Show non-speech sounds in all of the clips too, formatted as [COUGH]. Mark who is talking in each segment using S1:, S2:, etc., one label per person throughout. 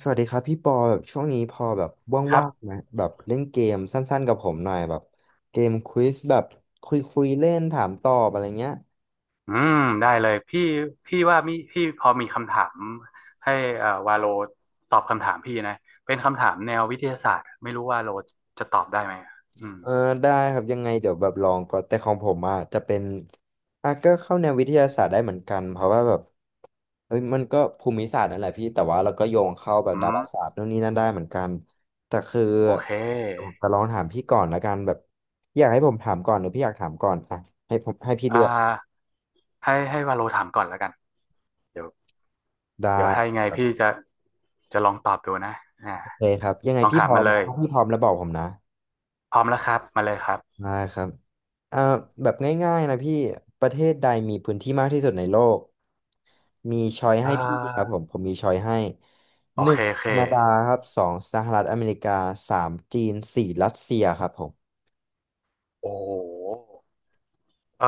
S1: สวัสดีครับพี่ปอแบบช่วงนี้พอแบบ
S2: ครั
S1: ว่างๆ
S2: บ
S1: ไหมแบบเล่นเกมสั้นๆกับผมหน่อยแบบเกมควิซแบบคุยคุยเล่นถามตอบอะไรเงี้ย
S2: อืมได้เลยพี่ว่ามีพอมีคำถามให้วาโลตอบคำถามพี่นะเป็นคำถามแนววิทยาศาสตร์ไม่รู้ว่าโลจะตอบได้ไหมอืม
S1: เออได้ครับยังไงเดี๋ยวแบบลองก่อนแต่ของผมอ่ะจะเป็นอ่ะก็เข้าแนววิทยาศาสตร์ได้เหมือนกันเพราะว่าแบบเฮ้ยมันก็ภูมิศาสตร์นั่นแหละพี่แต่ว่าเราก็โยงเข้าแบบ
S2: อื
S1: ดา
S2: ม
S1: ราศาสตร์นู่นนี่นั่นได้เหมือนกันแต่คือ
S2: โอเค
S1: ผมจะลองถามพี่ก่อนละกันแบบอยากให้ผมถามก่อนหรือพี่อยากถามก่อนอ่ะให้ผมให้พี่
S2: อ่
S1: เลือก
S2: าให้วาโลถามก่อนแล้วกันเดี๋ยว
S1: ได้
S2: เดี๋ยวถ้ายังไงพี่จะลองตอบดูนะอ่า
S1: โอเคครับยังไง
S2: ลอง
S1: พี่
S2: ถา
S1: พ
S2: ม
S1: ร้อ
S2: มา
S1: ม
S2: เล
S1: นะ
S2: ย
S1: ถ้าพี่พร้อมแล้วบอกผมนะ
S2: พร้อมแล้วครับ มาเลยครับ
S1: ได้ครับเอ่าแบบง่ายๆนะพี่ประเทศใดมีพื้นที่มากที่สุดในโลกมีช้อย
S2: เ
S1: ให้พี่ครับผ
S2: ออ
S1: มผมมีช้อยให้
S2: โอ
S1: หนึ่
S2: เค
S1: ง
S2: โอเค
S1: แคนาดาครับสองสหรัฐอเมริกาสามจีนสี่รัสเซียครับผม
S2: โอ้โห เออ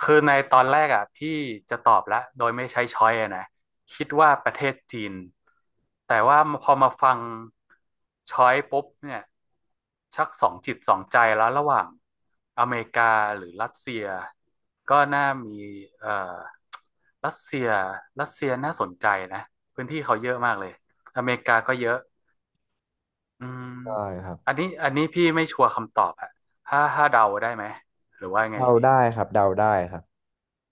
S2: คือในตอนแรกอ่ะพี่จะตอบละโดยไม่ใช้ช้อยอะนะคิดว่าประเทศจีนแต่ว่าพอมาฟังช้อยปุ๊บเนี่ยชักสองจิตสองใจแล้วระหว่างอเมริกาหรือรัสเซียก็น่ามีเอ่อรัสเซียรัสเซียน่าสนใจนะพื้นที่เขาเยอะมากเลยอเมริกาก็เยอะอืม
S1: ได้ครับ
S2: อันนี้พี่ไม่ชัวร์คำตอบอะถ้าเดาได้ไหมหรือว่าไง
S1: เดา
S2: ดี
S1: ได้ครับเดาได้ครับ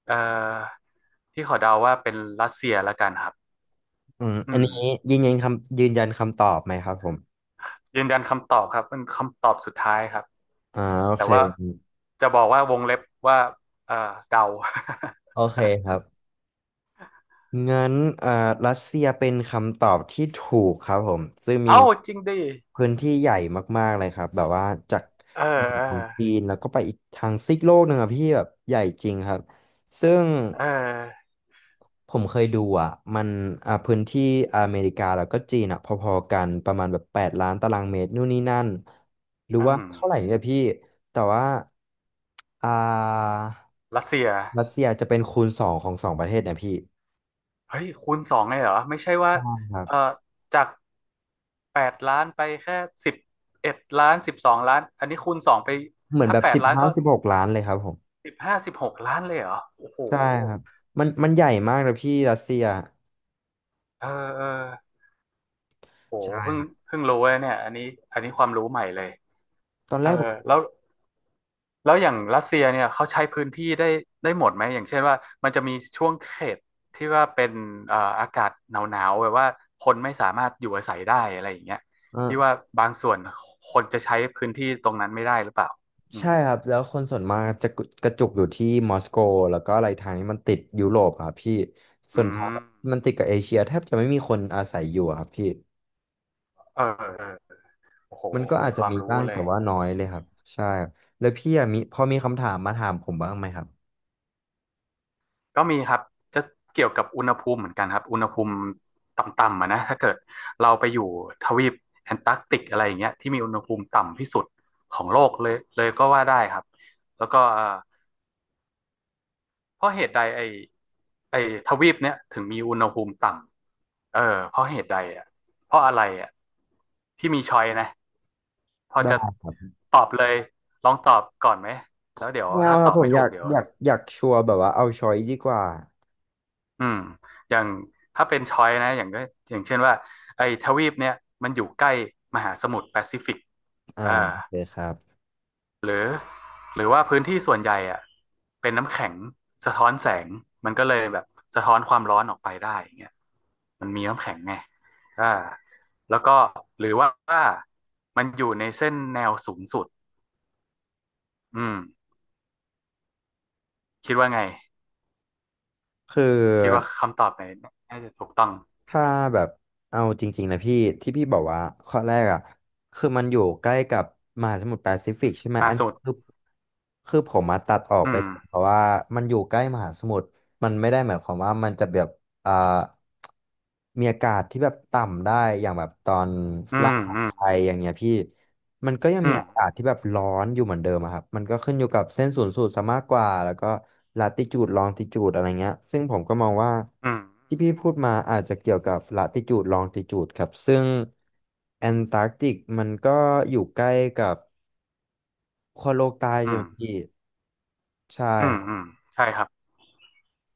S2: เอ่อพี่ขอเดาว่าเป็นรัสเซียละกันครับ
S1: อืมอั
S2: อื
S1: น
S2: ม
S1: นี้ยืนยันคำตอบไหมครับผม
S2: ยืนยันคำตอบครับเป็นคำตอบสุดท้ายครับ
S1: อ่าโอ
S2: แต่
S1: เค
S2: ว่าจะบอกว่าวงเล็บว่าเอ่อเดา
S1: โอเคครับ งั้นรัสเซียเป็นคำตอบที่ถูกครับผม ซึ่ง
S2: [LAUGHS]
S1: มี
S2: เอ้าจริงดิ
S1: พื้นที่ใหญ่มากๆเลยครับ แบบว่าจาก
S2: เออ
S1: เหนือ
S2: เออ
S1: ของจีนแล้วก็ไปอีกทางซีกโลกหนึ่งอะพี่แบบใหญ่จริงครับ ซึ่ง
S2: เออ
S1: ผมเคยดูอ่ะมันพื้นที่อเมริกาแล้วก็จีนอ่ะพอๆกันประมาณแบบ8,000,000ตารางเมตรนู่นนี่นั่น หรือ
S2: อื
S1: ว่า
S2: ม
S1: เท่าไหร่เนี่ยพี่ แต่ว่าอ่า
S2: รัสเซีย
S1: รัสเซียจะเป็นคูณสองของสองประเทศเนะพี่
S2: เฮ้ยคูณสองเลยเหรอไม่ใช่ว่า
S1: ใช่ครับ
S2: เอ่อจากแปดล้านไปแค่สิบเอ็ดล้านสิบสองล้านอันนี้คูณสองไป
S1: เหมือน
S2: ถ้า
S1: แบบ
S2: แปด
S1: สิบ
S2: ล้าน
S1: ห้า
S2: ก็
S1: สิบหกล้านเลยครับผม
S2: สิบห้าสิบหกล้านเลยเหรอโอ้โห
S1: ใช่ครับมันใหญ่มากนะพี่รัสเซีย
S2: เออเออ โอ้
S1: ใช่
S2: เพิ่
S1: ค
S2: ง
S1: รับ
S2: เพิ่งรู้เลยเนี่ยอันนี้อันนี้ความรู้ใหม่เลย
S1: ตอน
S2: เอ
S1: แร
S2: อ
S1: กผม
S2: แล้วแล้วอย่างรัสเซียเนี่ยเขาใช้พื้นที่ได้หมดไหมอย่างเช่นว่ามันจะมีช่วงเขตที่ว่าเป็นอากาศหนาวแบบว่าคนไม่สามารถอยู่อาศัยได้อะไรอย่างเงี้ย
S1: เออ
S2: ที่ว่าบางส่วนคนจะใช้พื้นที่ตรงนั้นไม่ได้หรือเปล่าอืม
S1: ใช่ครับแล้วคนส่วนมากจะกระจุกอยู่ที่มอสโกแล้วก็อะไรทางนี้มันติดยุโรปอะครับพี่ส่ว
S2: อื
S1: นทาง
S2: ม
S1: มันติดกับเอเชียแทบจะไม่มีคนอาศัยอยู่อะครับพี่
S2: เออเออโอ้โห
S1: มันก็
S2: เป็
S1: อาจ
S2: นค
S1: จะ
S2: วาม
S1: มี
S2: รู้
S1: บ้าง
S2: เล
S1: แต่
S2: ย
S1: ว่าน้อยเลยครับใช่ครับแล้วพี่อะมีพอมีคำถามมาถามผมบ้างไหมครับ
S2: ก็มีครับจะเกี่ยวกับอุณหภูมิเหมือนกันครับอุณหภูมิต่ำๆอะนะถ้าเกิดเราไปอยู่ทวีปแอนตาร์กติกอะไรอย่างเงี้ยที่มีอุณหภูมิต่ำที่สุดของโลกเลยเลยก็ว่าได้ครับแล้วก็เพราะเหตุใดไอทวีปเนี้ยถึงมีอุณหภูมิต่ำเออเพราะเหตุใดอ่ะเพราะอะไรอ่ะพี่มีช้อยนะพอ
S1: ได้
S2: จะ
S1: ครับ
S2: ตอบเลยลองตอบก่อนไหมแล้วเดี๋ยว
S1: ไม่เอา
S2: ถ้า
S1: ค
S2: ต
S1: รับ
S2: อบ
S1: ผม
S2: ไม่
S1: อ
S2: ถู
S1: ยา
S2: ก
S1: ก
S2: เดี๋ยว
S1: อยากอยากชัวร์แบบว่าเอาช้อยดีกว่า
S2: อืมอย่างถ้าเป็นช้อยนะอย่างก็อย่างเช่นว่าไอ้ทวีปเนี่ยมันอยู่ใกล้มหาสมุทรแปซิฟิก
S1: อ่า
S2: เอ่า
S1: โอเคครับ
S2: หรือหรือว่าพื้นที่ส่วนใหญ่อ่ะเป็นน้ำแข็งสะท้อนแสงมันก็เลยแบบสะท้อนความร้อนออกไปได้อย่างเงี้ยมันมีน้ำแข็งไงอ่าแล้วก็หรือว่ามันอยู่ในเส้นแนวสูงสุดอืมคิดว่าไง
S1: คื
S2: คิดว่า
S1: อ
S2: คำตอบไหนน่าจะถูกต้อง
S1: ถ้าแบบเอาจริงๆนะพี่ที่พี่บอกว่าข้อแรกอ่ะคือมันอยู่ใกล้กับมหาสมุทรแปซิฟิกใช่ไหม
S2: มา
S1: อั
S2: ก
S1: นนี้
S2: สุด
S1: คือคือผมมาตัดออก
S2: อื
S1: ไป
S2: ม
S1: เพราะว่ามันอยู่ใกล้มหาสมุทรมันไม่ได้หมายความว่ามันจะแบบอ่ามีอากาศที่แบบต่ำได้อย่างแบบตอน
S2: อื
S1: ล่าง
S2: ม
S1: ของ
S2: อืม
S1: ไทยอย่างเงี้ยพี่ มันก็ยังมี
S2: อืม
S1: อากาศที่แบบร้อนอยู่เหมือนเดิมอะครับมันก็ขึ้นอยู่กับเส้นศูนย์สูตรซะมากกว่าแล้วก็ลาติจูดลองติจูดอะไรเงี้ยซึ่งผมก็มองว่า
S2: อืม
S1: ที่พี่พูดมาอาจจะเกี่ยวกับลาติจูดลองติจูดครับซึ่งแอนตาร์กติกมันก็อยู่ใกล้กับขั้วโลกใต้
S2: อื
S1: ใช่ไห
S2: ม
S1: มพี่ใช่
S2: อืม
S1: ครั
S2: อืม
S1: บ
S2: ใช่ครับ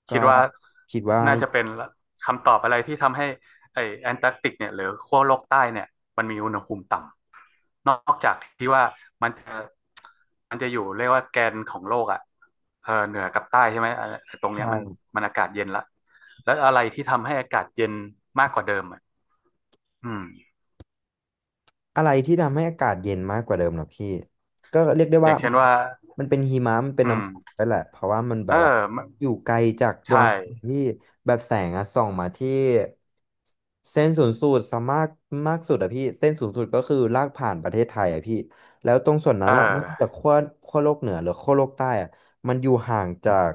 S1: ก็
S2: คิดว่า
S1: คิดว่า
S2: น่าจะเป็นคำตอบอะไรที่ทำให้ไอแอนตาร์กติกเนี่ยหรือขั้วโลกใต้เนี่ยมันมีอุณหภูมิต่ำนอกจากที่ว่ามันจะมันจะอยู่เรียกว่าแกนของโลกอ่ะเออเหนือกับใต้ใช่ไหมเอ่ะตรงเนี้
S1: ใช่
S2: ยมันอากาศเย็นละแล้วอะไรที่ทำให้อากาศเย็นมากกว่าเดิมอ่ะอืม
S1: อะไรที่ทำให้อากาศเย็นมากกว่าเดิมเหรอพี่ก็เรียกได้
S2: อ
S1: ว่า
S2: ย่างเช่
S1: มั
S2: น
S1: น
S2: ว่า
S1: มันเป็นหิมะมันเป็น
S2: อื
S1: น้ำฝน
S2: ม
S1: ไปแหละเพราะว่ามันแบ
S2: เออ
S1: บว่า
S2: มัน
S1: อยู่ไกลจากดว
S2: ใช่
S1: งอาทิตย์ที่แบบแสงอะส่องมาที่เส้นศูนย์สูตรสามารถมากสุดอะพี่เส้นศูนย์สูตรก็คือลากผ่านประเทศไทยอะพี่แล้วตรงส่วนนั้
S2: เอ
S1: นอะนอกจาก
S2: อ
S1: ขั้วโลกเหนือหรือขั้วโลกใต้อะมันอยู่ห่างจาก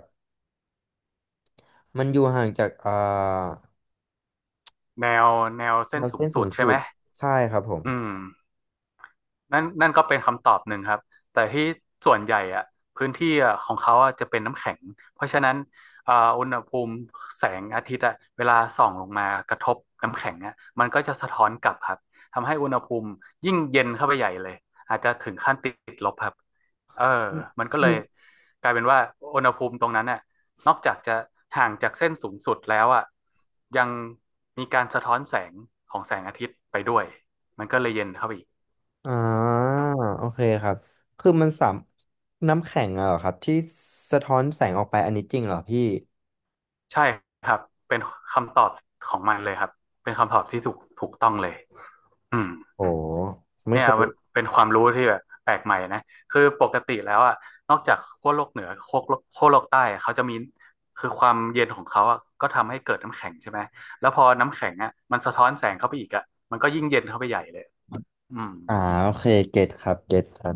S1: มันอยู่ห่างจาก
S2: แนวแนว
S1: แน
S2: เส้น
S1: ว
S2: สูง
S1: เส้นศู
S2: สุด
S1: นย์
S2: ใช่
S1: สู
S2: ไหม
S1: ตรใช่ครับผม
S2: อืม นั่นก็เป็นคำตอบหนึ่งครับแต่ที่ส่วนใหญ่อะพื้นที่อะของเขาอะจะเป็นน้ำแข็งเพราะฉะนั้นอ่าอุณหภูมิแสงอาทิตย์อะเวลาส่องลงมากระทบน้ำแข็งอะมันก็จะสะท้อนกลับครับทำให้อุณหภูมิยิ่งเย็นเข้าไปใหญ่เลยอาจจะถึงขั้นติดลบครับเออมัน
S1: คื
S2: ก็
S1: อ
S2: เล
S1: มั
S2: ย
S1: น
S2: กลายเป็นว่าอุณหภูมิตรงนั้นน่ะนอกจากจะห่างจากเส้นสูงสุดแล้วอ่ะยังมีการสะท้อนแสงของแสงอาทิตย์ไปด้วยมันก็เลยเย็นเข้าไปอีก
S1: อ่าโอเคครับคือมันสามน้ำแข็งอะเหรอครับที่สะท้อนแสงออกไปอันนี้จริงเหรอพี่
S2: ใช่ครับเป็นคำตอบของมันเลยครับเป็นคำตอบที่ถูกต้องเลยอืม
S1: โอ้ไม่
S2: เนี่
S1: เค
S2: ยมั
S1: ย
S2: นเป็นความรู้ที่แบบแปลกใหม่นะคือปกติแล้วอ่ะนอกจากขั้วโลกเหนือขั้วโลกใต้อะเขาจะมีคือความเย็นของเขาอ่ะก็ทำให้เกิดน้ำแข็งใช่ไหมแล้วพอน้ำแข็งอ่ะมันสะท้อนแสงเข้าไปอีกอ่ะมันก็ยิ่งเย็นเข้าไปใหญ่เลยอืม
S1: อ่าโอเคเก็ตครับเก็ตครับ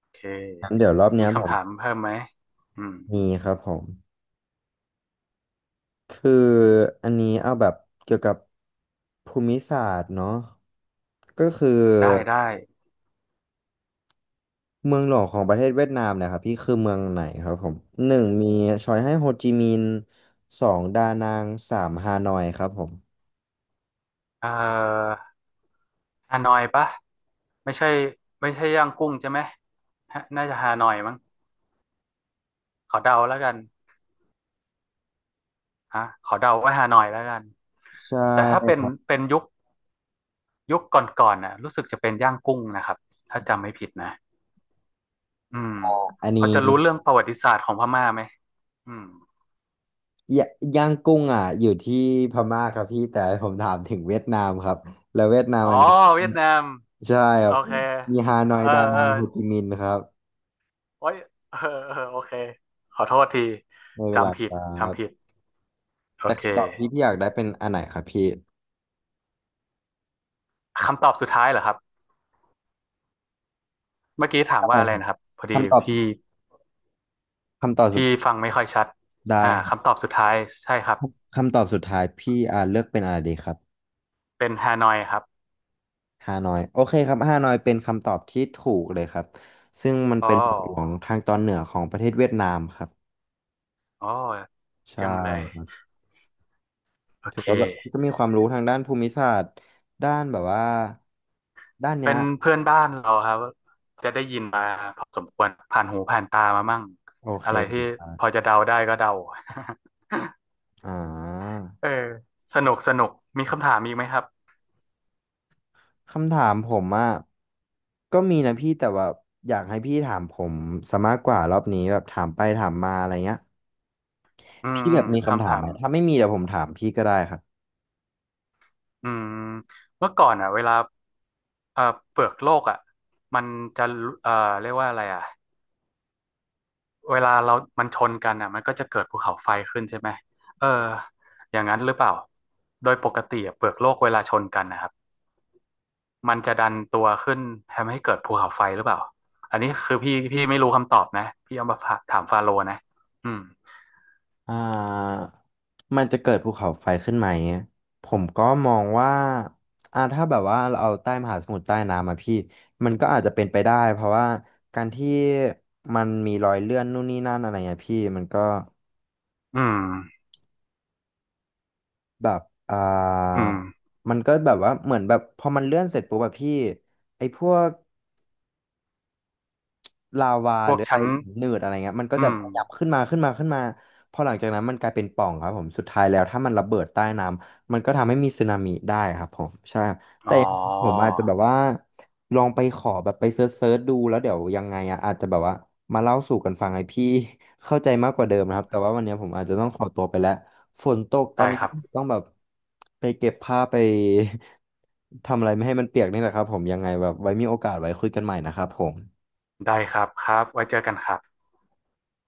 S2: โอเค
S1: งั้นเดี๋ยวรอบเนี้
S2: มี
S1: ยผ
S2: คำ
S1: ม
S2: ถามเพิ่มไหมอืม
S1: มีครับผมคืออันนี้เอาแบบเกี่ยวกับภูมิศาสตร์เนาะก็คือ
S2: ได้
S1: เมืองหลวงของประเทศเวียดนามเนะครับพี่คือเมืองไหนครับผมหนึ่งมีชอยให้โฮจิมินห์สองดานังสามฮานอยครับผม
S2: เอ่อ ฮานอยปะไม่ใช่ไม่ใช่ย่างกุ้งใช่ไหมฮะน่าจะฮานอยมั้งขอเดาแล้วกันฮะขอเดาว่าฮานอยแล้วกัน
S1: ใช
S2: แต่ถ้าเป็น
S1: ่
S2: เป็นยุคก่อนๆน่ะรู้สึกจะเป็นย่างกุ้งนะครับถ้าจำไม่ผิดนะอืม
S1: อันนี้
S2: เขาจะรู้เรื่องประวัติศาสตร์ของพม่าไหมอืม
S1: ยย่างกุ้งอ่ะอยู่ที่พม่าครับพี่แต่ผมถามถึงเวียดนามครับแล้วเวียดนาม
S2: อ๋อ
S1: อันนี้
S2: เวียดนาม
S1: ใช่ค
S2: โอ
S1: รับ
S2: เค
S1: มีฮานอย
S2: เออ
S1: ดานั
S2: เออ
S1: งโฮจิมินห์ครับ
S2: โอ้ยเออเออโอเคขอโทษที
S1: ไม่เป็นไร
S2: จำผิ
S1: ค
S2: ด
S1: รั
S2: จำผิด
S1: บ
S2: โอ
S1: แต่
S2: เค
S1: คำตอบที่พี่อยากได้เป็นอันไหนครับพี่
S2: คำตอบสุดท้ายเหรอครับ เมื่อกี้ถาม
S1: ใช่ค
S2: ว่าอะไร
S1: รับ
S2: นะครับพอดี
S1: คำตอบ
S2: พี่
S1: คำตอบสุ
S2: พี่
S1: ด
S2: ฟังไม่ค่อยชัด
S1: ได้ครั
S2: คำตอ
S1: บ
S2: บสุดท้ายใช่ครับ
S1: คำตอบสุดท้ายพี่เลือกเป็นอะไรดีครับ
S2: เป็นฮานอยครับ
S1: ฮานอยโอเคครับฮานอยเป็นคำตอบที่ถูกเลยครับซึ่งมัน
S2: อ๋อ
S1: เป็นเมืองหลวงทางตอนเหนือของประเทศเวียดนามครับ
S2: อ๋อ
S1: ใช่
S2: เยี่ยมเลยโอ
S1: ถือ
S2: เค
S1: ว่าแบบก็มีความรู้ทางด้านภูมิศาสตร์ด้านแบบว่าด้านเนี้
S2: เป็
S1: ย
S2: นเพื่อนบ้านเราครับจะได้ยินมาพอสมควรผ่านหูผ่านตามามั่ง
S1: โอเค
S2: อะไรที่
S1: ครั
S2: พอ
S1: บ
S2: จะเดาได้ก็เดา
S1: อ่า
S2: [LAUGHS] เออสนุกสนุกมีคำถามอีกไหมครับ
S1: คำถามผมอ่ะก็มีนะพี่แต่ว่าอยากให้พี่ถามผมซะมากกว่ารอบนี้แบบถามไปถามมาอะไรเงี้ย
S2: อืม
S1: พี่แบ
S2: อื
S1: บ
S2: ม
S1: มีคำถา
S2: คำ
S1: ม
S2: ถา
S1: ไหม
S2: ม
S1: ถ้าไม่มีเดี๋ยวผมถามพี่ก็ได้ครับ
S2: อืมเมื่อก่อนอ่ะเวลาเอ่อเปลือกโลกอ่ะมันจะเอ่อเรียกว่าอะไรอ่ะ เวลาเรามันชนกันอ่ะมันก็จะเกิดภูเขาไฟขึ้นใช่ไหมเอออย่างนั้นหรือเปล่า โดยปกติอะเปลือกโลกเวลาชนกันนะครับ มันจะดันตัวขึ้นทำให้เกิดภูเขาไฟหรือเปล่า อันนี้คือพี่ไม่รู้คำตอบนะ พี่เอามาฝากถามฟาโรห์นะอืม
S1: อ่ามันจะเกิดภูเขาไฟขึ้นไหมผมก็มองว่าถ้าแบบว่าเราเอาใต้มหาสมุทรใต้น้ำมาพี่มันก็อาจจะเป็นไปได้เพราะว่าการที่มันมีรอยเลื่อนนู่นนี่นั่นอะไรเงี้ยพี่
S2: อืม
S1: แบบอ่
S2: อื
S1: า
S2: ม
S1: มันก็แบบว่าเหมือนแบบพอมันเลื่อนเสร็จปุ๊บแบบพี่ไอ้พวก ลาวา
S2: พ
S1: ห
S2: ว
S1: รื
S2: ก
S1: ออะไร
S2: ชั้น
S1: หินหนืดอะไรเงี้ยมันก็
S2: อื
S1: จะ
S2: ม
S1: ขยับขึ้นมาขึ้นมาขึ้นมาพอหลังจากนั้นมันกลายเป็นปล่องครับผมสุดท้ายแล้วถ้ามันระเบิดใต้น้ำมันก็ทำให้มีสึนามิได้ครับผมใช่
S2: อ๋
S1: แต่
S2: อ
S1: ผมอาจจะแบบว่าลองไปขอแบบไปเซิร์ชดูแล้วเดี๋ยวยังไงอะอาจจะแบบว่ามาเล่าสู่กันฟังให้พี่ [LAUGHS] เข้าใจมากกว่าเดิมนะครับแต่ว่าวันนี้ผมอาจจะต้องขอตัวไปแล้วฝนตกตอน
S2: ได้
S1: นี้
S2: ครับ
S1: ต้องแบบไป [LAUGHS] เก็บผ้าไป [LAUGHS] ทำอะไรไม่ให้มันเปียกนี่แหละครับผมยังไงแบบไว้มีโอกาสไว้คุยกันใหม่นะครับผม
S2: ได้ครับครับไว้เจอกันครับ